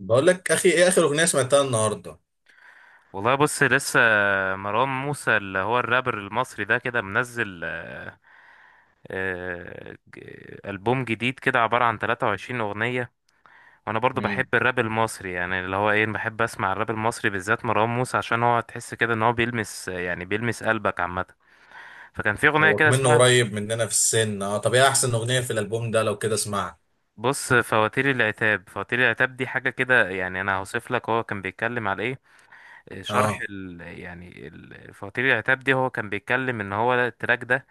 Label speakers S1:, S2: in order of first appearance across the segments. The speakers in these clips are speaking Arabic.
S1: بقول لك اخي، ايه اخر اغنيه سمعتها النهارده؟
S2: والله بص لسه مروان موسى اللي هو الرابر المصري ده كده منزل ألبوم جديد كده عبارة عن 23 أغنية. وأنا برضو بحب
S1: امم.
S2: الراب المصري يعني اللي هو إيه، بحب أسمع الراب المصري بالذات مروان موسى عشان هو تحس كده إن هو بيلمس يعني بيلمس قلبك عامة. فكان في أغنية
S1: هو
S2: كده
S1: منه
S2: اسمها
S1: قريب مننا في السن. اه، طب ايه احسن اغنيه في الالبوم ده لو كده اسمعها؟
S2: بص فواتير العتاب. فواتير العتاب دي حاجة كده يعني، أنا هوصف لك هو كان بيتكلم على إيه. شرح
S1: اه.
S2: فواتير العتاب دي، هو كان بيتكلم إن هو التراك ده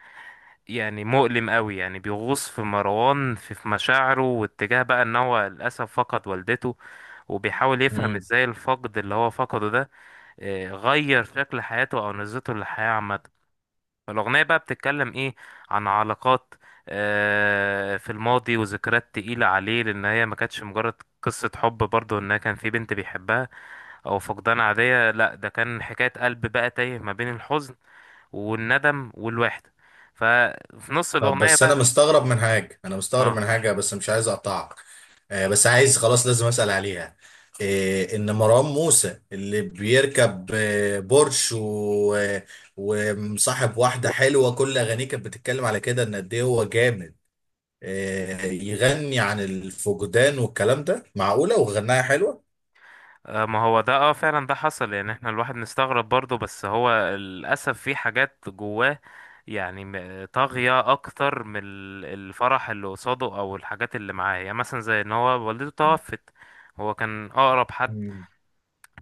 S2: يعني مؤلم قوي، يعني بيغوص في مروان في مشاعره واتجاه بقى ان هو للاسف فقد والدته، وبيحاول يفهم
S1: امم.
S2: ازاي الفقد اللي هو فقده ده غير شكل حياته او نظرته للحياة عامة. فالاغنية بقى بتتكلم ايه؟ عن علاقات في الماضي وذكريات تقيلة عليه، لان هي ما كانتش مجرد قصة حب برضه ان كان في بنت بيحبها او فقدان عادية. لا، ده كان حكاية قلب بقى تايه ما بين الحزن والندم والوحدة. ففي نص
S1: طب،
S2: الأغنية
S1: بس انا
S2: بقى
S1: مستغرب من حاجه انا مستغرب
S2: اه،
S1: من حاجه بس مش عايز اقطعك. آه، بس عايز خلاص لازم اسال عليها. إيه ان مروان موسى اللي بيركب بورش و ومصاحب واحده حلوه، كل اغانيه كانت بتتكلم على كده ان قد ايه هو جامد. إيه، يغني عن الفقدان والكلام ده، معقوله وغناها حلوه؟
S2: ما هو ده اه فعلا ده حصل. يعني احنا الواحد نستغرب برضه، بس هو للأسف في حاجات جواه يعني طاغية أكتر من الفرح اللي قصاده أو الحاجات اللي معاه. يعني مثلا زي إن هو والدته توفت، هو كان أقرب حد
S1: مم.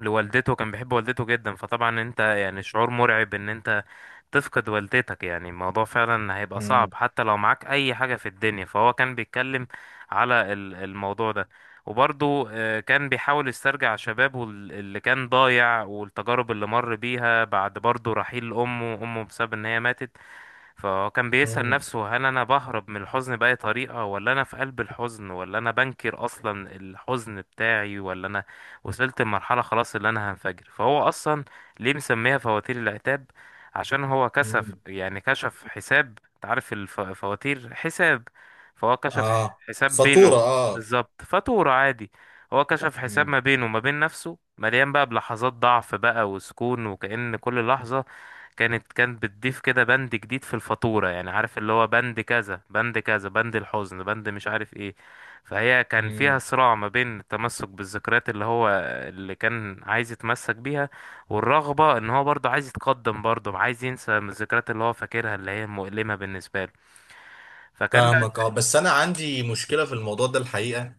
S2: لوالدته، كان بيحب والدته جدا. فطبعا انت يعني شعور مرعب ان انت تفقد والدتك، يعني الموضوع فعلا هيبقى صعب
S1: مم.
S2: حتى لو معاك اي حاجة في الدنيا. فهو كان بيتكلم على الموضوع ده. وبرضه كان بيحاول يسترجع شبابه اللي كان ضايع والتجارب اللي مر بيها بعد برضه رحيل امه بسبب ان هي ماتت. فهو كان بيسأل
S1: مم.
S2: نفسه، هل أنا بهرب من الحزن بأي طريقة، ولا أنا في قلب الحزن، ولا أنا بنكر أصلا الحزن بتاعي، ولا أنا وصلت لمرحلة خلاص اللي أنا هنفجر؟ فهو أصلا ليه مسميها فواتير العتاب؟ عشان هو كشف
S1: مم.
S2: يعني كشف حساب. أنت عارف الفواتير حساب، فهو كشف
S1: اه،
S2: حساب
S1: فاتورة،
S2: بينه
S1: اه.
S2: بالظبط، فاتورة عادي. هو كشف حساب
S1: مم.
S2: ما بينه وما بين نفسه، مليان بقى بلحظات ضعف بقى وسكون، وكأن كل لحظة كانت بتضيف كده بند جديد في الفاتورة. يعني عارف اللي هو بند كذا بند كذا، بند الحزن، بند مش عارف ايه. فهي كان فيها
S1: مم.
S2: صراع ما بين التمسك بالذكريات اللي هو اللي كان عايز يتمسك بيها، والرغبة ان هو برضه عايز يتقدم، برضه عايز ينسى من الذكريات اللي هو فاكرها اللي هي مؤلمة بالنسبة له. فكان بقى
S1: فاهمك. اه، بس انا عندي مشكلة في الموضوع ده الحقيقة.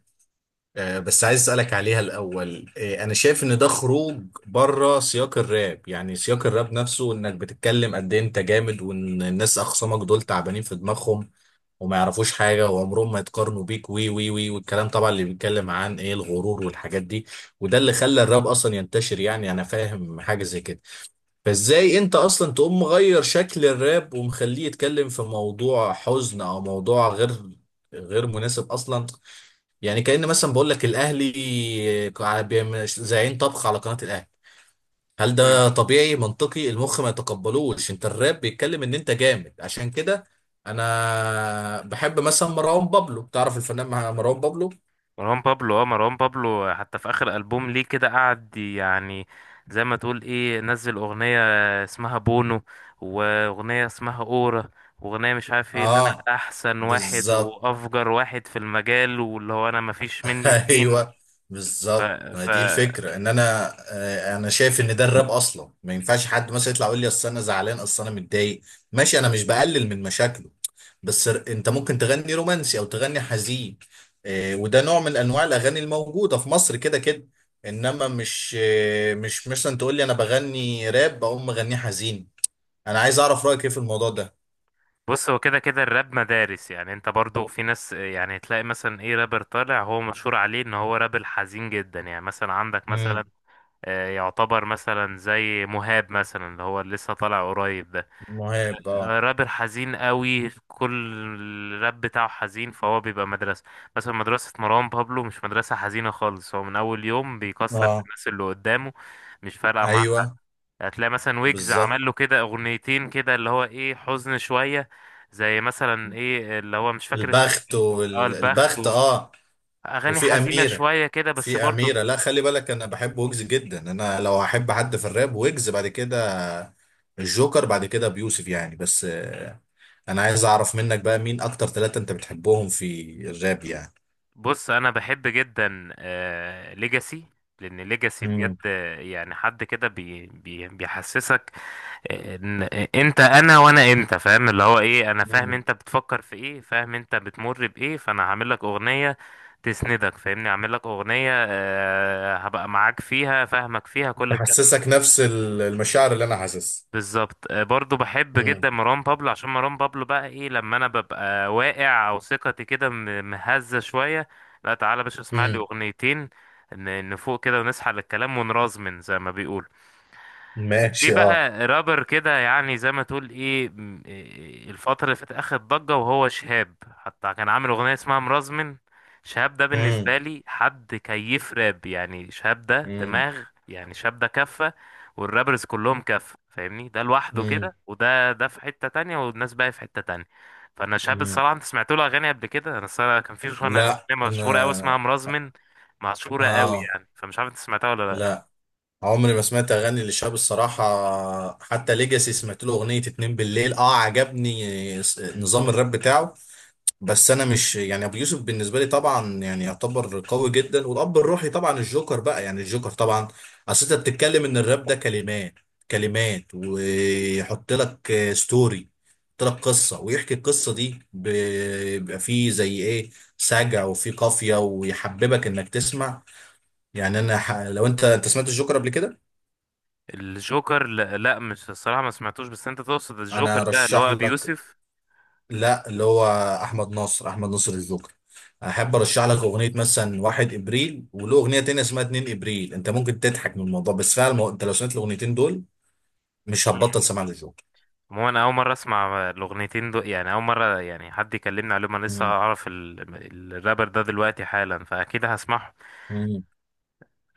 S1: آه، بس عايز اسألك عليها الاول. انا شايف ان ده خروج بره سياق الراب، يعني سياق الراب نفسه انك بتتكلم قد ايه انت جامد، وان الناس اخصامك دول تعبانين في دماغهم وما يعرفوش حاجة وعمرهم ما يتقارنوا بيك، وي وي وي، والكلام طبعا اللي بيتكلم عن ايه الغرور والحاجات دي. وده اللي خلى الراب اصلا ينتشر، يعني انا فاهم حاجة زي كده. فازاي انت اصلا تقوم مغير شكل الراب ومخليه يتكلم في موضوع حزن او موضوع غير مناسب اصلا؟ يعني كأن مثلا بقول لك الاهلي زعيم طبخ على قناة الاهلي. هل
S2: مم.
S1: ده طبيعي؟ منطقي المخ ما يتقبلوش. انت الراب بيتكلم ان انت جامد عشان كده. انا بحب مثلا مروان بابلو، تعرف الفنان مروان بابلو؟
S2: مروان بابلو، اه مروان بابلو حتى في اخر البوم ليه كده قعد يعني زي ما تقول ايه، نزل اغنية اسمها بونو، واغنية اسمها اورا، واغنية مش عارف ايه، ان
S1: اه.
S2: انا احسن واحد
S1: بالظبط.
S2: وافجر واحد في المجال، واللي هو انا مفيش مني اتنين.
S1: ايوه.
S2: ف,
S1: بالظبط، ما
S2: ف
S1: دي الفكره. ان انا شايف ان ده الراب اصلا ما ينفعش حد مثلا يطلع يقول لي اصل انا زعلان اصل انا متضايق. ماشي، انا مش بقلل من مشاكله. بس، انت ممكن تغني رومانسي او تغني حزين. وده نوع من انواع الاغاني الموجوده في مصر كده كده. انما مش مثلا تقول لي انا بغني راب اقوم مغنيه حزين. انا عايز اعرف رايك ايه في الموضوع ده؟
S2: بص، هو كده كده الراب مدارس. يعني انت برضو في ناس، يعني تلاقي مثلا ايه، رابر طالع هو مشهور عليه ان هو راب الحزين جدا، يعني مثلا عندك مثلا
S1: امم.
S2: يعتبر مثلا زي مهاب مثلا اللي هو لسه طالع قريب ده،
S1: مهاب، اه.
S2: رابر حزين قوي، كل الراب بتاعه حزين، فهو بيبقى مدرسة. مثلا مدرسة مروان بابلو مش مدرسة حزينة خالص، هو من أول يوم بيكسر في
S1: اه.
S2: الناس اللي قدامه، مش فارقة معاه حد.
S1: ايوه.
S2: هتلاقي مثلا ويجز
S1: بالظبط.
S2: عمل له كده أغنيتين كده اللي هو إيه، حزن شوية، زي مثلا إيه اللي هو مش فاكر اسمه
S1: البخت
S2: كان إيه. اه البخت
S1: والبخت،
S2: و...
S1: اه.
S2: أغاني
S1: وفي
S2: حزينة
S1: اميره.
S2: شوية كده بس
S1: في اميره.
S2: برضو.
S1: لا، خلي بالك، انا بحب ويجز جدا. انا لو احب حد في الراب، ويجز، بعد كده الجوكر، بعد كده بيوسف يعني. بس انا عايز اعرف منك بقى مين اكتر ثلاثه انت بتحبهم في الراب يعني؟
S2: بص أنا بحب جدا آه ليجاسي، لأن ليجاسي بجد
S1: امم.
S2: يعني حد كده بيحسسك إن- انت انا وانا انت، فاهم اللي هو ايه، انا فاهم انت بتفكر في ايه، فاهم انت بتمر بايه، فانا هعمل لك اغنية تسندك، فاهمني، هعمل لك اغنية هبقى معاك فيها، فاهمك فيها كل الكلام
S1: تحسسك
S2: ده.
S1: نفس المشاعر اللي انا حاسسها.
S2: بالظبط. برضو بحب
S1: امم.
S2: جدا مروان بابلو عشان مروان بابلو بقى ايه، لما انا ببقى واقع او ثقتي كده مهزة شوية، لا تعالى يا باشا اسمع لي
S1: امم.
S2: اغنيتين نفوق كده ونسحل الكلام ونرازمن زي ما بيقولوا. في
S1: ماشي، اه.
S2: بقى رابر كده يعني زي ما تقول ايه إيه، الفترة اللي فاتت اخد ضجة وهو شهاب، حتى كان عامل اغنية اسمها مرزمن. شهاب ده
S1: امم.
S2: بالنسبة لي حد كيف راب، يعني شهاب ده
S1: امم.
S2: دماغ، يعني شهاب ده كفة والرابرز كلهم كفة، فاهمني، ده لوحده
S1: امم.
S2: كده، ده في حتة تانية والناس بقى في حتة تانية. فانا شهاب
S1: امم.
S2: الصراحة، انت سمعت له اغاني قبل كده؟ انا الصراحة كان في
S1: لا،
S2: أغنية مشهورة قوي
S1: انا.
S2: اسمها مرزمن، مشهورة قوي
S1: اه.
S2: يعني، فمش عارف انت سمعتها ولا لا.
S1: لا. عمري ما سمعت اغاني للشاب الصراحه. حتى ليجاسي سمعت له اغنيه اتنين بالليل، اه عجبني نظام الراب بتاعه. بس انا مش، يعني، ابو يوسف بالنسبه لي طبعا يعني يعتبر قوي جدا، والاب الروحي طبعا الجوكر بقى، يعني الجوكر طبعا. اصل انت بتتكلم ان الراب ده كلمات، كلمات ويحط لك ستوري، يحط لك قصه ويحكي القصه دي، بيبقى فيه زي ايه، سجع وفيه قافيه ويحببك انك تسمع. يعني انا، لو انت سمعت الجوكر قبل كده.
S2: الجوكر لا, لا مش الصراحة ما سمعتوش، بس انت تقصد
S1: انا
S2: الجوكر ده اللي
S1: ارشح
S2: هو ابي
S1: لك.
S2: يوسف؟
S1: لا، اللي هو احمد ناصر، احمد ناصر الجوكر. احب ارشح لك اغنيه مثلا 1 ابريل، وله اغنيه تانية اسمها 2 ابريل. انت ممكن تضحك من الموضوع، بس فعلا انت لو سمعت الاغنيتين دول مش
S2: مم.
S1: هتبطل سماع للجوكر.
S2: هو انا اول مرة اسمع الاغنيتين دول، يعني اول مرة يعني حد يكلمني عليهم، انا لسه
S1: مم.
S2: اعرف الرابر ده دلوقتي حالا، فاكيد هسمعه.
S1: مم.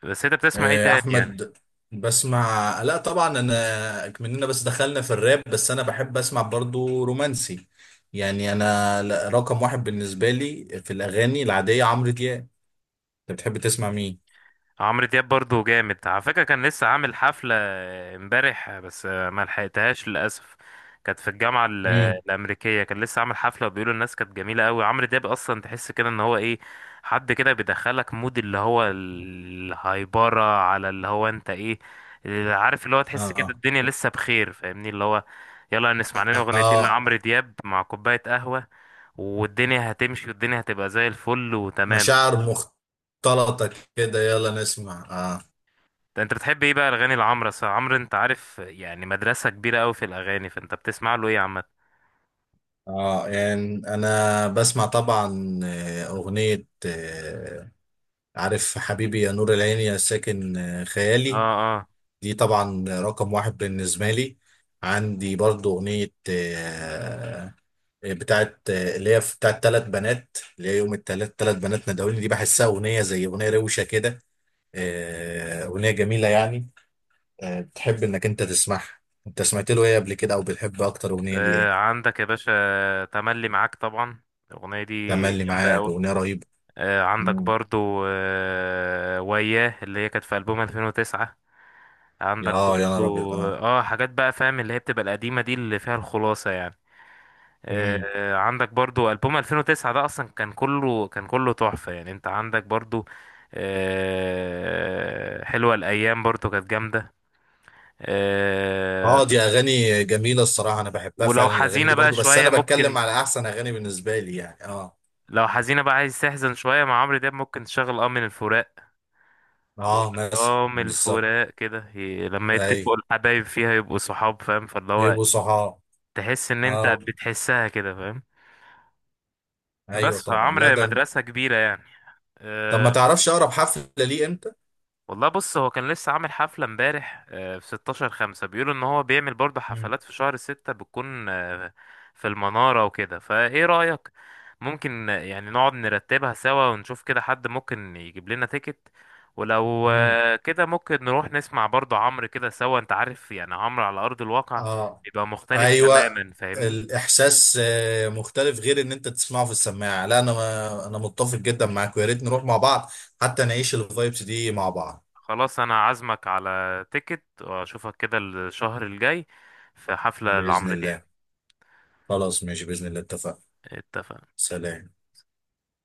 S2: بس انت بتسمع ايه تاني يعني؟
S1: احمد، بسمع. لا طبعا انا مننا بس دخلنا في الراب، بس انا بحب اسمع برضو رومانسي. يعني انا، رقم واحد بالنسبه لي في الاغاني العاديه عمرو دياب. انت بتحب تسمع مين؟
S2: عمرو دياب برضو جامد، على فكرة كان لسه عامل حفلة امبارح بس ما لحقتهاش للأسف، كانت في الجامعة
S1: امم.
S2: الأمريكية. كان لسه عامل حفلة وبيقولوا الناس كانت جميلة قوي. عمرو دياب أصلا تحس كده إن هو إيه، حد كده بيدخلك مود اللي هو الهايبرة على اللي هو أنت إيه، اللي عارف اللي هو تحس كده
S1: اه.
S2: الدنيا لسه بخير، فاهمني، اللي هو يلا نسمع لنا أغنيتين
S1: اه،
S2: لعمرو دياب مع كوباية قهوة والدنيا هتمشي، والدنيا هتبقى زي الفل وتمام.
S1: مشاعر مختلطة كده. يلا نسمع. اه.
S2: ده انت بتحب ايه بقى الاغاني لعمرو؟ أصل عمرو انت عارف يعني مدرسه كبيره قوي في الاغاني، فانت بتسمع له ايه عامه؟
S1: اه، يعني انا بسمع طبعا اغنية عارف؟ حبيبي يا نور العين، يا ساكن
S2: اه،
S1: خيالي.
S2: اه،
S1: دي طبعا رقم واحد بالنسبة لي. عندي برضو اغنية بتاعت آه، اللي هي بتاعت ثلاث بنات، اللي هي يوم الثلاث ثلاث بنات ندعوني. دي بحسها اغنية زي اغنية روشة كده. اغنية جميلة يعني. بتحب انك انت تسمعها. انت سمعت له ايه قبل كده، او بتحب اكتر اغنيه ليه ايه؟
S2: عندك يا باشا تملي معاك طبعا، الاغنيه دي
S1: تملي
S2: جامده
S1: معاك،
S2: قوي.
S1: اغنيه رهيبه.
S2: آه عندك
S1: مم.
S2: برضو آه وياه، اللي هي كانت في البوم 2009. عندك
S1: اه، يا
S2: برضو
S1: نهار ابيض، اه.
S2: اه حاجات بقى فاهم اللي هي بتبقى القديمه دي اللي فيها الخلاصه يعني.
S1: مم.
S2: عندك برضو ألبوم 2009، ده أصلا كان كله تحفة يعني. أنت عندك برضو حلوة الأيام برضو كانت جامدة. آه،
S1: اه، دي اغاني جميله الصراحه، انا بحبها
S2: ولو
S1: فعلا الاغاني
S2: حزينة
S1: دي
S2: بقى
S1: برضو، بس
S2: شوية
S1: انا
S2: ممكن،
S1: بتكلم على احسن اغاني بالنسبه لي يعني. اه.
S2: لو حزينة بقى عايز تحزن شوية مع عمرو دياب، ممكن تشغل اه من الفراق. يقول
S1: اه،
S2: لك
S1: مثلا
S2: اه من
S1: بالظبط.
S2: الفراق كده لما
S1: ايوه.
S2: يتفقوا الحبايب فيها يبقوا صحاب، فاهم، فاللي هو
S1: يبقوا صحاب.
S2: تحس إن أنت
S1: اه،
S2: بتحسها كده، فاهم.
S1: ايوه
S2: بس
S1: طبعا. لا
S2: فعمرو
S1: ده.
S2: مدرسة كبيرة يعني.
S1: طب ما
S2: آه،
S1: تعرفش اقرب حفله ليه امتى؟
S2: والله بص هو كان لسه عامل حفلة امبارح في 16 خمسة، بيقولوا ان هو بيعمل برضه
S1: مم.
S2: حفلات في شهر ستة بتكون في المنارة وكده. فايه رأيك؟ ممكن يعني نقعد نرتبها سوا ونشوف كده حد ممكن يجيب لنا تيكت، ولو
S1: مم.
S2: كده ممكن نروح نسمع برضه عمرو كده سوا. انت عارف يعني عمرو على أرض الواقع
S1: اه.
S2: بيبقى مختلف
S1: ايوه.
S2: تماما، فاهمني.
S1: الاحساس مختلف، غير ان انت تسمعه في السماعه. لا، انا متفق جدا معاك، ويا ريت نروح مع بعض حتى نعيش الفايبس دي مع بعض.
S2: خلاص انا عازمك على تيكت، واشوفك كده الشهر الجاي في حفلة
S1: باذن
S2: لعمرو دياب.
S1: الله. خلاص، ماشي باذن الله، اتفقنا.
S2: اتفقنا.
S1: سلام.